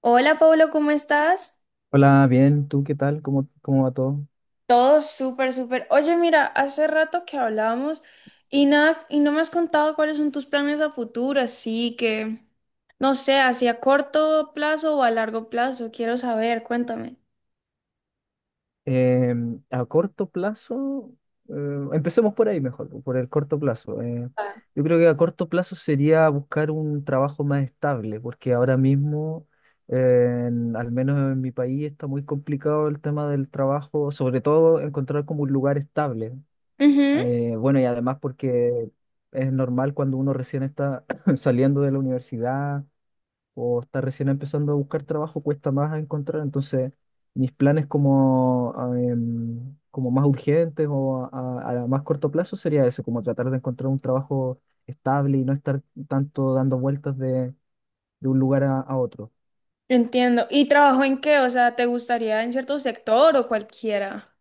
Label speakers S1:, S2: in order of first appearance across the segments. S1: Hola Pablo, ¿cómo estás?
S2: Hola, bien, ¿tú qué tal? ¿¿Cómo va todo?
S1: Todo súper, súper. Oye, mira, hace rato que hablábamos y nada, y no me has contado cuáles son tus planes a futuro, así que no sé, hacia corto plazo o a largo plazo, quiero saber, cuéntame.
S2: Eh, a corto plazo, eh, empecemos por ahí mejor, por el corto plazo. Eh,
S1: Ah.
S2: yo creo que a corto plazo sería buscar un trabajo más estable, porque ahora mismo, al menos en mi país, está muy complicado el tema del trabajo, sobre todo encontrar como un lugar estable.
S1: Ujú,
S2: Bueno, y además porque es normal cuando uno recién está saliendo de la universidad o está recién empezando a buscar trabajo, cuesta más encontrar. Entonces, mis planes como, como más urgentes o a más corto plazo sería eso, como tratar de encontrar un trabajo estable y no estar tanto dando vueltas de un lugar a otro.
S1: entiendo. ¿Y trabajo en qué? O sea, ¿te gustaría en cierto sector o cualquiera?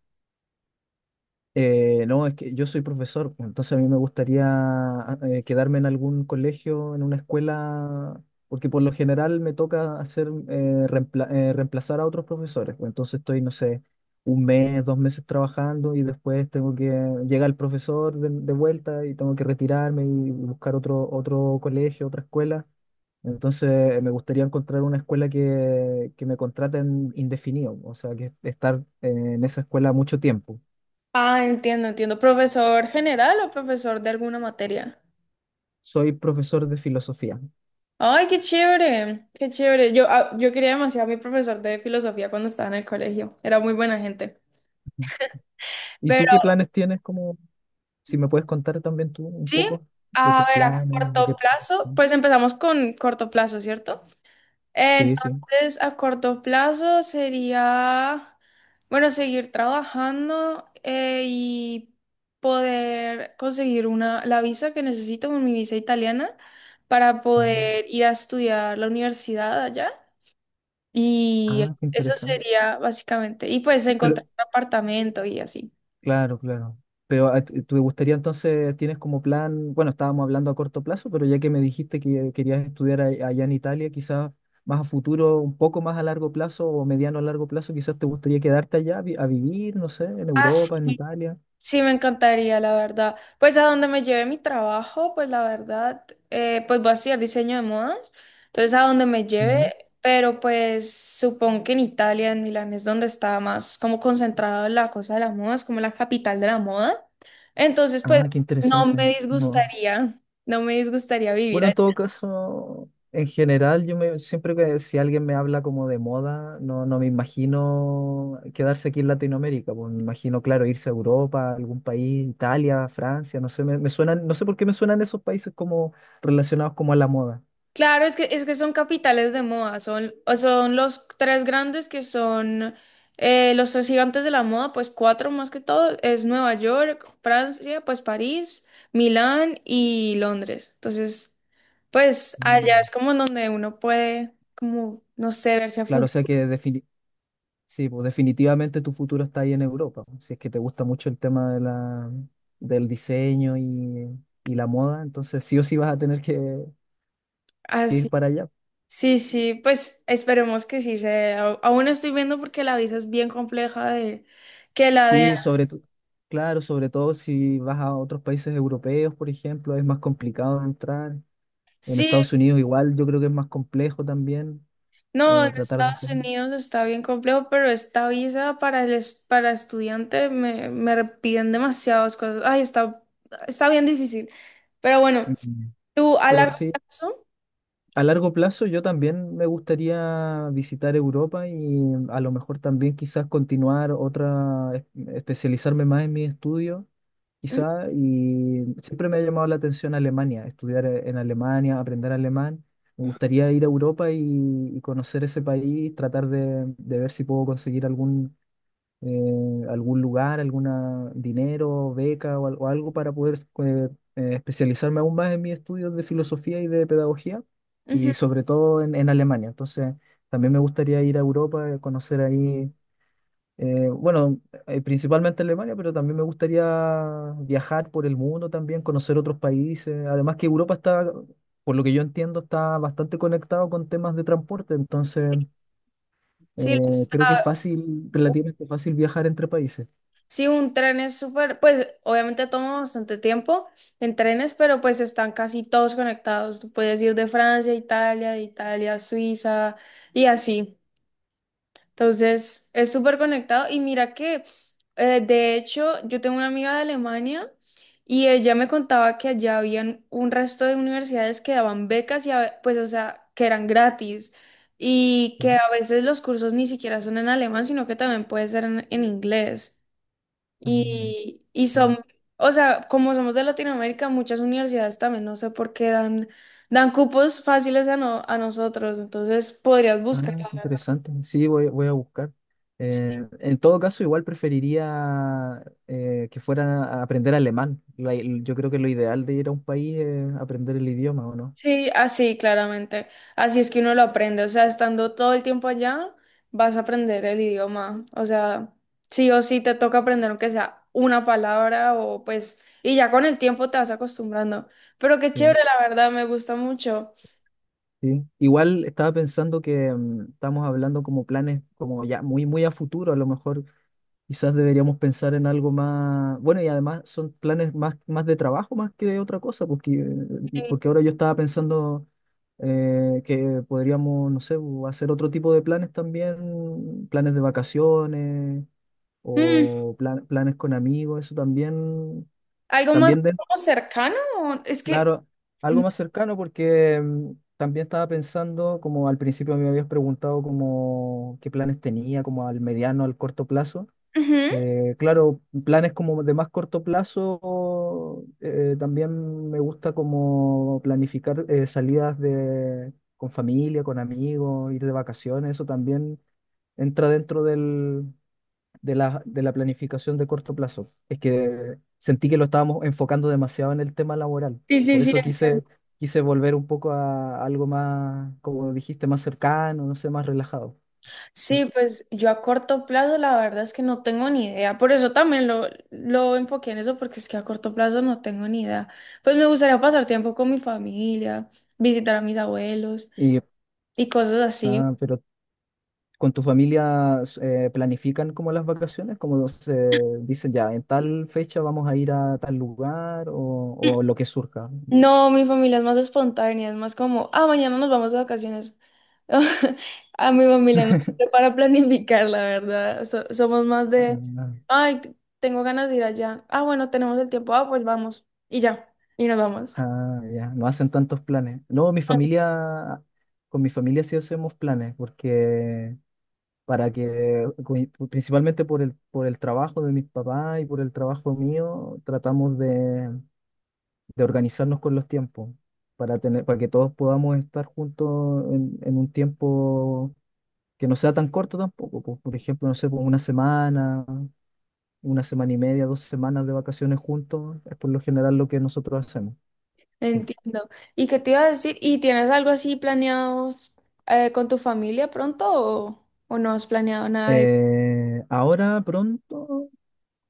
S2: No, es que yo soy profesor, pues, entonces a mí me gustaría quedarme en algún colegio, en una escuela, porque por lo general me toca hacer reemplazar a otros profesores. Pues, entonces estoy, no sé, un mes, dos meses trabajando y después tengo que llega el profesor de vuelta y tengo que retirarme y buscar otro colegio, otra escuela. Entonces, me gustaría encontrar una escuela que me contraten indefinido, o sea, que estar eh, en esa escuela mucho tiempo.
S1: Ah, entiendo, entiendo. ¿Profesor general o profesor de alguna materia?
S2: Soy profesor de filosofía.
S1: Ay, qué chévere, qué chévere. Yo, ah, yo quería demasiado a mi profesor de filosofía cuando estaba en el colegio. Era muy buena gente.
S2: ¿Y tú
S1: Pero
S2: qué planes tienes? Como, si me puedes contar también tú un
S1: sí,
S2: poco de
S1: a
S2: tus
S1: ver, a
S2: planes, lo
S1: corto
S2: que...
S1: plazo, pues empezamos con corto plazo, ¿cierto?
S2: Sí, sí.
S1: Entonces, a corto plazo sería, bueno, seguir trabajando y poder conseguir la visa que necesito, mi visa italiana, para
S2: Mm.
S1: poder ir a estudiar la universidad allá. Y
S2: Ah, qué
S1: eso
S2: interesante.
S1: sería básicamente. Y pues encontrar
S2: Pero,
S1: un apartamento y así.
S2: claro, claro. Pero te gustaría entonces, tienes como plan, bueno, estábamos hablando a corto plazo, pero ya que me dijiste que querías estudiar allá en Italia, quizás más a futuro, un poco más a largo plazo o mediano a largo plazo, quizás te gustaría quedarte allá a, a vivir, no sé, en
S1: Ah,
S2: Europa, en
S1: sí.
S2: Italia.
S1: Sí, me encantaría, la verdad. Pues a donde me lleve mi trabajo, pues la verdad, pues voy a estudiar diseño de modas. Entonces a donde me lleve,
S2: Mm.
S1: pero pues supongo que en Italia, en Milán, es donde está más como concentrada la cosa de la moda, es como la capital de la moda. Entonces, pues
S2: Ah, qué
S1: no
S2: interesante.
S1: me
S2: No,
S1: disgustaría, no me disgustaría vivir
S2: bueno,
S1: ahí.
S2: en todo caso, en general, yo me, siempre que si alguien me habla como de moda, no, no me imagino quedarse aquí en Latinoamérica, pues me imagino, claro, irse a Europa, algún país, Italia, Francia, no sé, me suenan, no sé por qué me suenan esos países como relacionados como a la moda.
S1: Claro, es que son capitales de moda, son, o son los tres grandes que son los tres gigantes de la moda, pues cuatro más que todo, es Nueva York, Francia, pues París, Milán y Londres. Entonces, pues allá
S2: Mm.
S1: es como en donde uno puede, como, no sé, verse a
S2: Claro, o sea
S1: fútbol.
S2: que sí, pues definitivamente tu futuro está ahí en Europa, pues, si es que te gusta mucho el tema de la, del diseño y la moda, entonces sí o sí vas a tener que ir
S1: Así.
S2: para allá.
S1: Sí, sí, pues esperemos que sí se dé. Aún estoy viendo porque la visa es bien compleja de que la den.
S2: Sí, sobre todo, claro, sobre todo si vas a otros países europeos, por ejemplo, es más complicado entrar. En
S1: Sí.
S2: Estados Unidos igual yo creo que es más complejo también
S1: No, en
S2: tratar de
S1: Estados
S2: ser.
S1: Unidos está bien complejo, pero esta visa para para estudiante me piden demasiadas cosas. Ay, está, está bien difícil. Pero bueno,
S2: Mm.
S1: tú a
S2: Pero
S1: largo
S2: sí,
S1: plazo,
S2: a largo plazo yo también me gustaría visitar Europa y a lo mejor también quizás continuar otra, especializarme más en mi estudio
S1: ujú,
S2: quizá, y siempre me ha llamado la atención Alemania, estudiar en Alemania, aprender alemán. Me gustaría ir a Europa y conocer ese país, tratar de ver si puedo conseguir algún, algún lugar, alguna dinero, beca o, o algo para poder eh, especializarme aún más en mis estudios de filosofía y de pedagogía,
S1: ujú,
S2: y sobre todo en Alemania. Entonces, también me gustaría ir a Europa, conocer ahí. Eh, bueno, principalmente Alemania, pero también me gustaría viajar por el mundo también, conocer otros países. Además que Europa está, por lo que yo entiendo, está bastante conectado con temas de transporte, entonces
S1: sí, lo
S2: creo que es
S1: está-
S2: fácil, relativamente fácil viajar entre países.
S1: sí, un tren es súper, pues obviamente toma bastante tiempo en trenes, pero pues están casi todos conectados. Tú puedes ir de Francia a Italia, de Italia a Suiza y así. Entonces, es súper conectado. Y mira que, de hecho, yo tengo una amiga de Alemania y ella me contaba que allá habían un resto de universidades que daban becas y, pues, o sea, que eran gratis y
S2: Ujú.
S1: que a veces los cursos ni siquiera son en alemán, sino que también puede ser en inglés.
S2: Ah,
S1: Y
S2: ya.
S1: son, o sea, como somos de Latinoamérica, muchas universidades también, no sé por qué dan, dan cupos fáciles a, a nosotros. Entonces, podrías
S2: Ah,
S1: buscar, la
S2: qué
S1: verdad.
S2: interesante. Sí, voy, voy a buscar. En todo caso, igual preferiría que fuera a aprender alemán. Yo creo que lo ideal de ir a un país es aprender el idioma, ¿o no?
S1: Sí, así, claramente. Así es que uno lo aprende. O sea, estando todo el tiempo allá, vas a aprender el idioma. O sea, sí o sí te toca aprender aunque sea una palabra o pues, y ya con el tiempo te vas acostumbrando. Pero qué
S2: Sí.
S1: chévere, la verdad, me gusta mucho.
S2: Sí. Igual estaba pensando que mm, estamos hablando como planes como ya muy muy a futuro, a lo mejor quizás deberíamos pensar en algo más, bueno, y además son planes más, más de trabajo más que de otra cosa, porque,
S1: Y,
S2: porque ahora yo estaba pensando que podríamos, no sé, hacer otro tipo de planes también, planes de vacaciones
S1: mm,
S2: o planes con amigos, eso también,
S1: algo más
S2: también
S1: como cercano, es que
S2: claro, algo más cercano porque mm, también estaba pensando, como al principio me habías preguntado como qué planes tenía, como al mediano, al corto plazo.
S1: ujú.
S2: Claro, planes como de más corto plazo, también me gusta como planificar salidas de, con familia, con amigos, ir de vacaciones, eso también entra dentro del, de la planificación de corto plazo. Es que sentí que lo estábamos enfocando demasiado en el tema laboral.
S1: Sí, sí,
S2: Por
S1: sí.
S2: eso quise, quise volver un poco a algo más, como dijiste, más cercano, no sé, más relajado. ¿No?
S1: Sí, pues yo a corto plazo la verdad es que no tengo ni idea. Por eso también lo enfoqué en eso, porque es que a corto plazo no tengo ni idea. Pues me gustaría pasar tiempo con mi familia, visitar a mis abuelos
S2: Y,
S1: y cosas así.
S2: ah, pero con tu familia planifican como las vacaciones, como se dicen ya, en tal fecha vamos a ir a tal lugar o lo que surja.
S1: No, mi familia es más espontánea, es más como, ah, mañana nos vamos de vacaciones. A mi familia no sé para planificar, la verdad. Somos más de, ay, tengo ganas de ir allá. Ah, bueno, tenemos el tiempo, ah, pues vamos. Y ya, y nos vamos.
S2: Ah, ya, no hacen tantos planes. No, mi familia, con mi familia sí hacemos planes, porque para que, principalmente por por el trabajo de mis papás y por el trabajo mío, tratamos de organizarnos con los tiempos, para tener, para que todos podamos estar juntos en un tiempo que no sea tan corto tampoco. Pues, por ejemplo, no sé, pues una semana y media, dos semanas de vacaciones juntos, es por lo general lo que nosotros hacemos.
S1: Entiendo. ¿Y qué te iba a decir? ¿Y tienes algo así planeado con tu familia pronto o no has planeado nada de...
S2: Ahora pronto,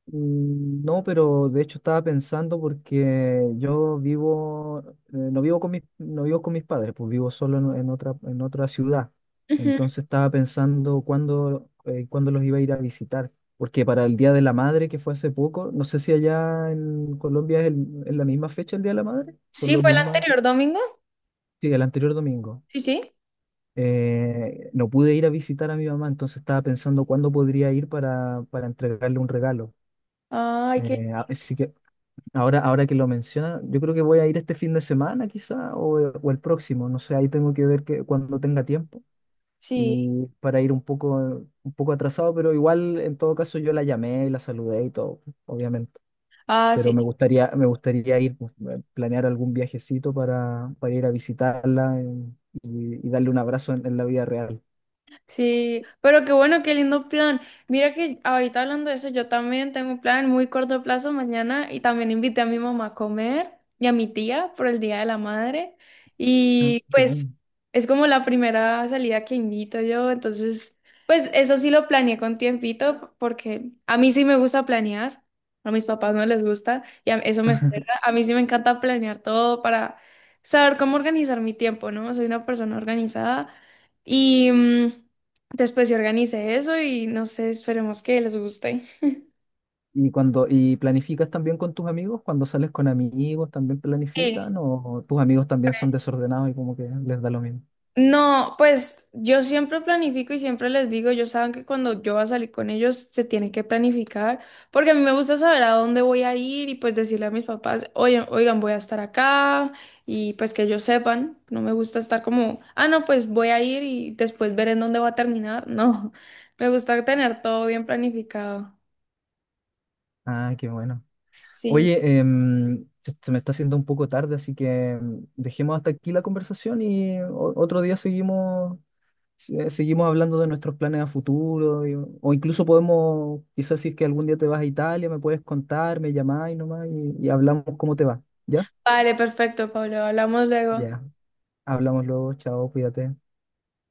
S2: mm, no, pero de hecho estaba pensando porque yo vivo, no vivo con mis padres, pues vivo solo en otra ciudad.
S1: Ujú.
S2: Entonces estaba pensando cuándo, cuándo los iba a ir a visitar, porque para el Día de la Madre, que fue hace poco, no sé si allá en Colombia es es la misma fecha el Día de la Madre, son
S1: Sí,
S2: los
S1: fue el
S2: mismas
S1: anterior domingo.
S2: sí, el anterior domingo
S1: Sí, sí.
S2: no pude ir a visitar a mi mamá, entonces estaba pensando cuándo podría ir para entregarle un regalo.
S1: Ay, que
S2: Así que ahora, ahora que lo menciona, yo creo que voy a ir este fin de semana quizá o el próximo, no sé, ahí tengo que ver que, cuando tenga tiempo
S1: sí.
S2: y para ir un poco atrasado, pero igual en todo caso yo la llamé y la saludé y todo, obviamente.
S1: Ah,
S2: Pero
S1: sí.
S2: me gustaría ir, pues, planear algún viajecito para ir a visitarla y darle un abrazo en la vida real.
S1: Sí, pero qué bueno, qué lindo plan. Mira que ahorita hablando de eso, yo también tengo un plan muy corto plazo mañana y también invité a mi mamá a comer y a mi tía por el Día de la Madre.
S2: Ah,
S1: Y
S2: qué
S1: pues
S2: bueno.
S1: es como la primera salida que invito yo, entonces pues eso sí lo planeé con tiempito porque a mí sí me gusta planear, a mis papás no les gusta y eso me estresa. A mí sí me encanta planear todo para saber cómo organizar mi tiempo, ¿no? Soy una persona organizada y mm, después se organice eso y no sé, esperemos que les guste.
S2: Y cuando, y planificas también con tus amigos, cuando sales con amigos, también
S1: Sí.
S2: planifican, o tus amigos también son desordenados y como que les da lo mismo.
S1: No, pues yo siempre planifico y siempre les digo, ellos saben que cuando yo voy a salir con ellos se tienen que planificar, porque a mí me gusta saber a dónde voy a ir y pues decirle a mis papás, oigan, oigan, voy a estar acá y pues que ellos sepan, no me gusta estar como, ah, no, pues voy a ir y después ver en dónde va a terminar, no, me gusta tener todo bien planificado.
S2: Ah, qué bueno.
S1: Sí,
S2: Oye, em, se me está haciendo un poco tarde, así que em, dejemos hasta aquí la conversación y otro día seguimos, seguimos hablando de nuestros planes a futuro, o incluso podemos, quizás si es que algún día te vas a Italia, me puedes contar, me llamás y nomás y hablamos cómo te va, ¿ya?
S1: vale, perfecto, Pablo, hablamos luego.
S2: Ya, hablamos luego, chao, cuídate.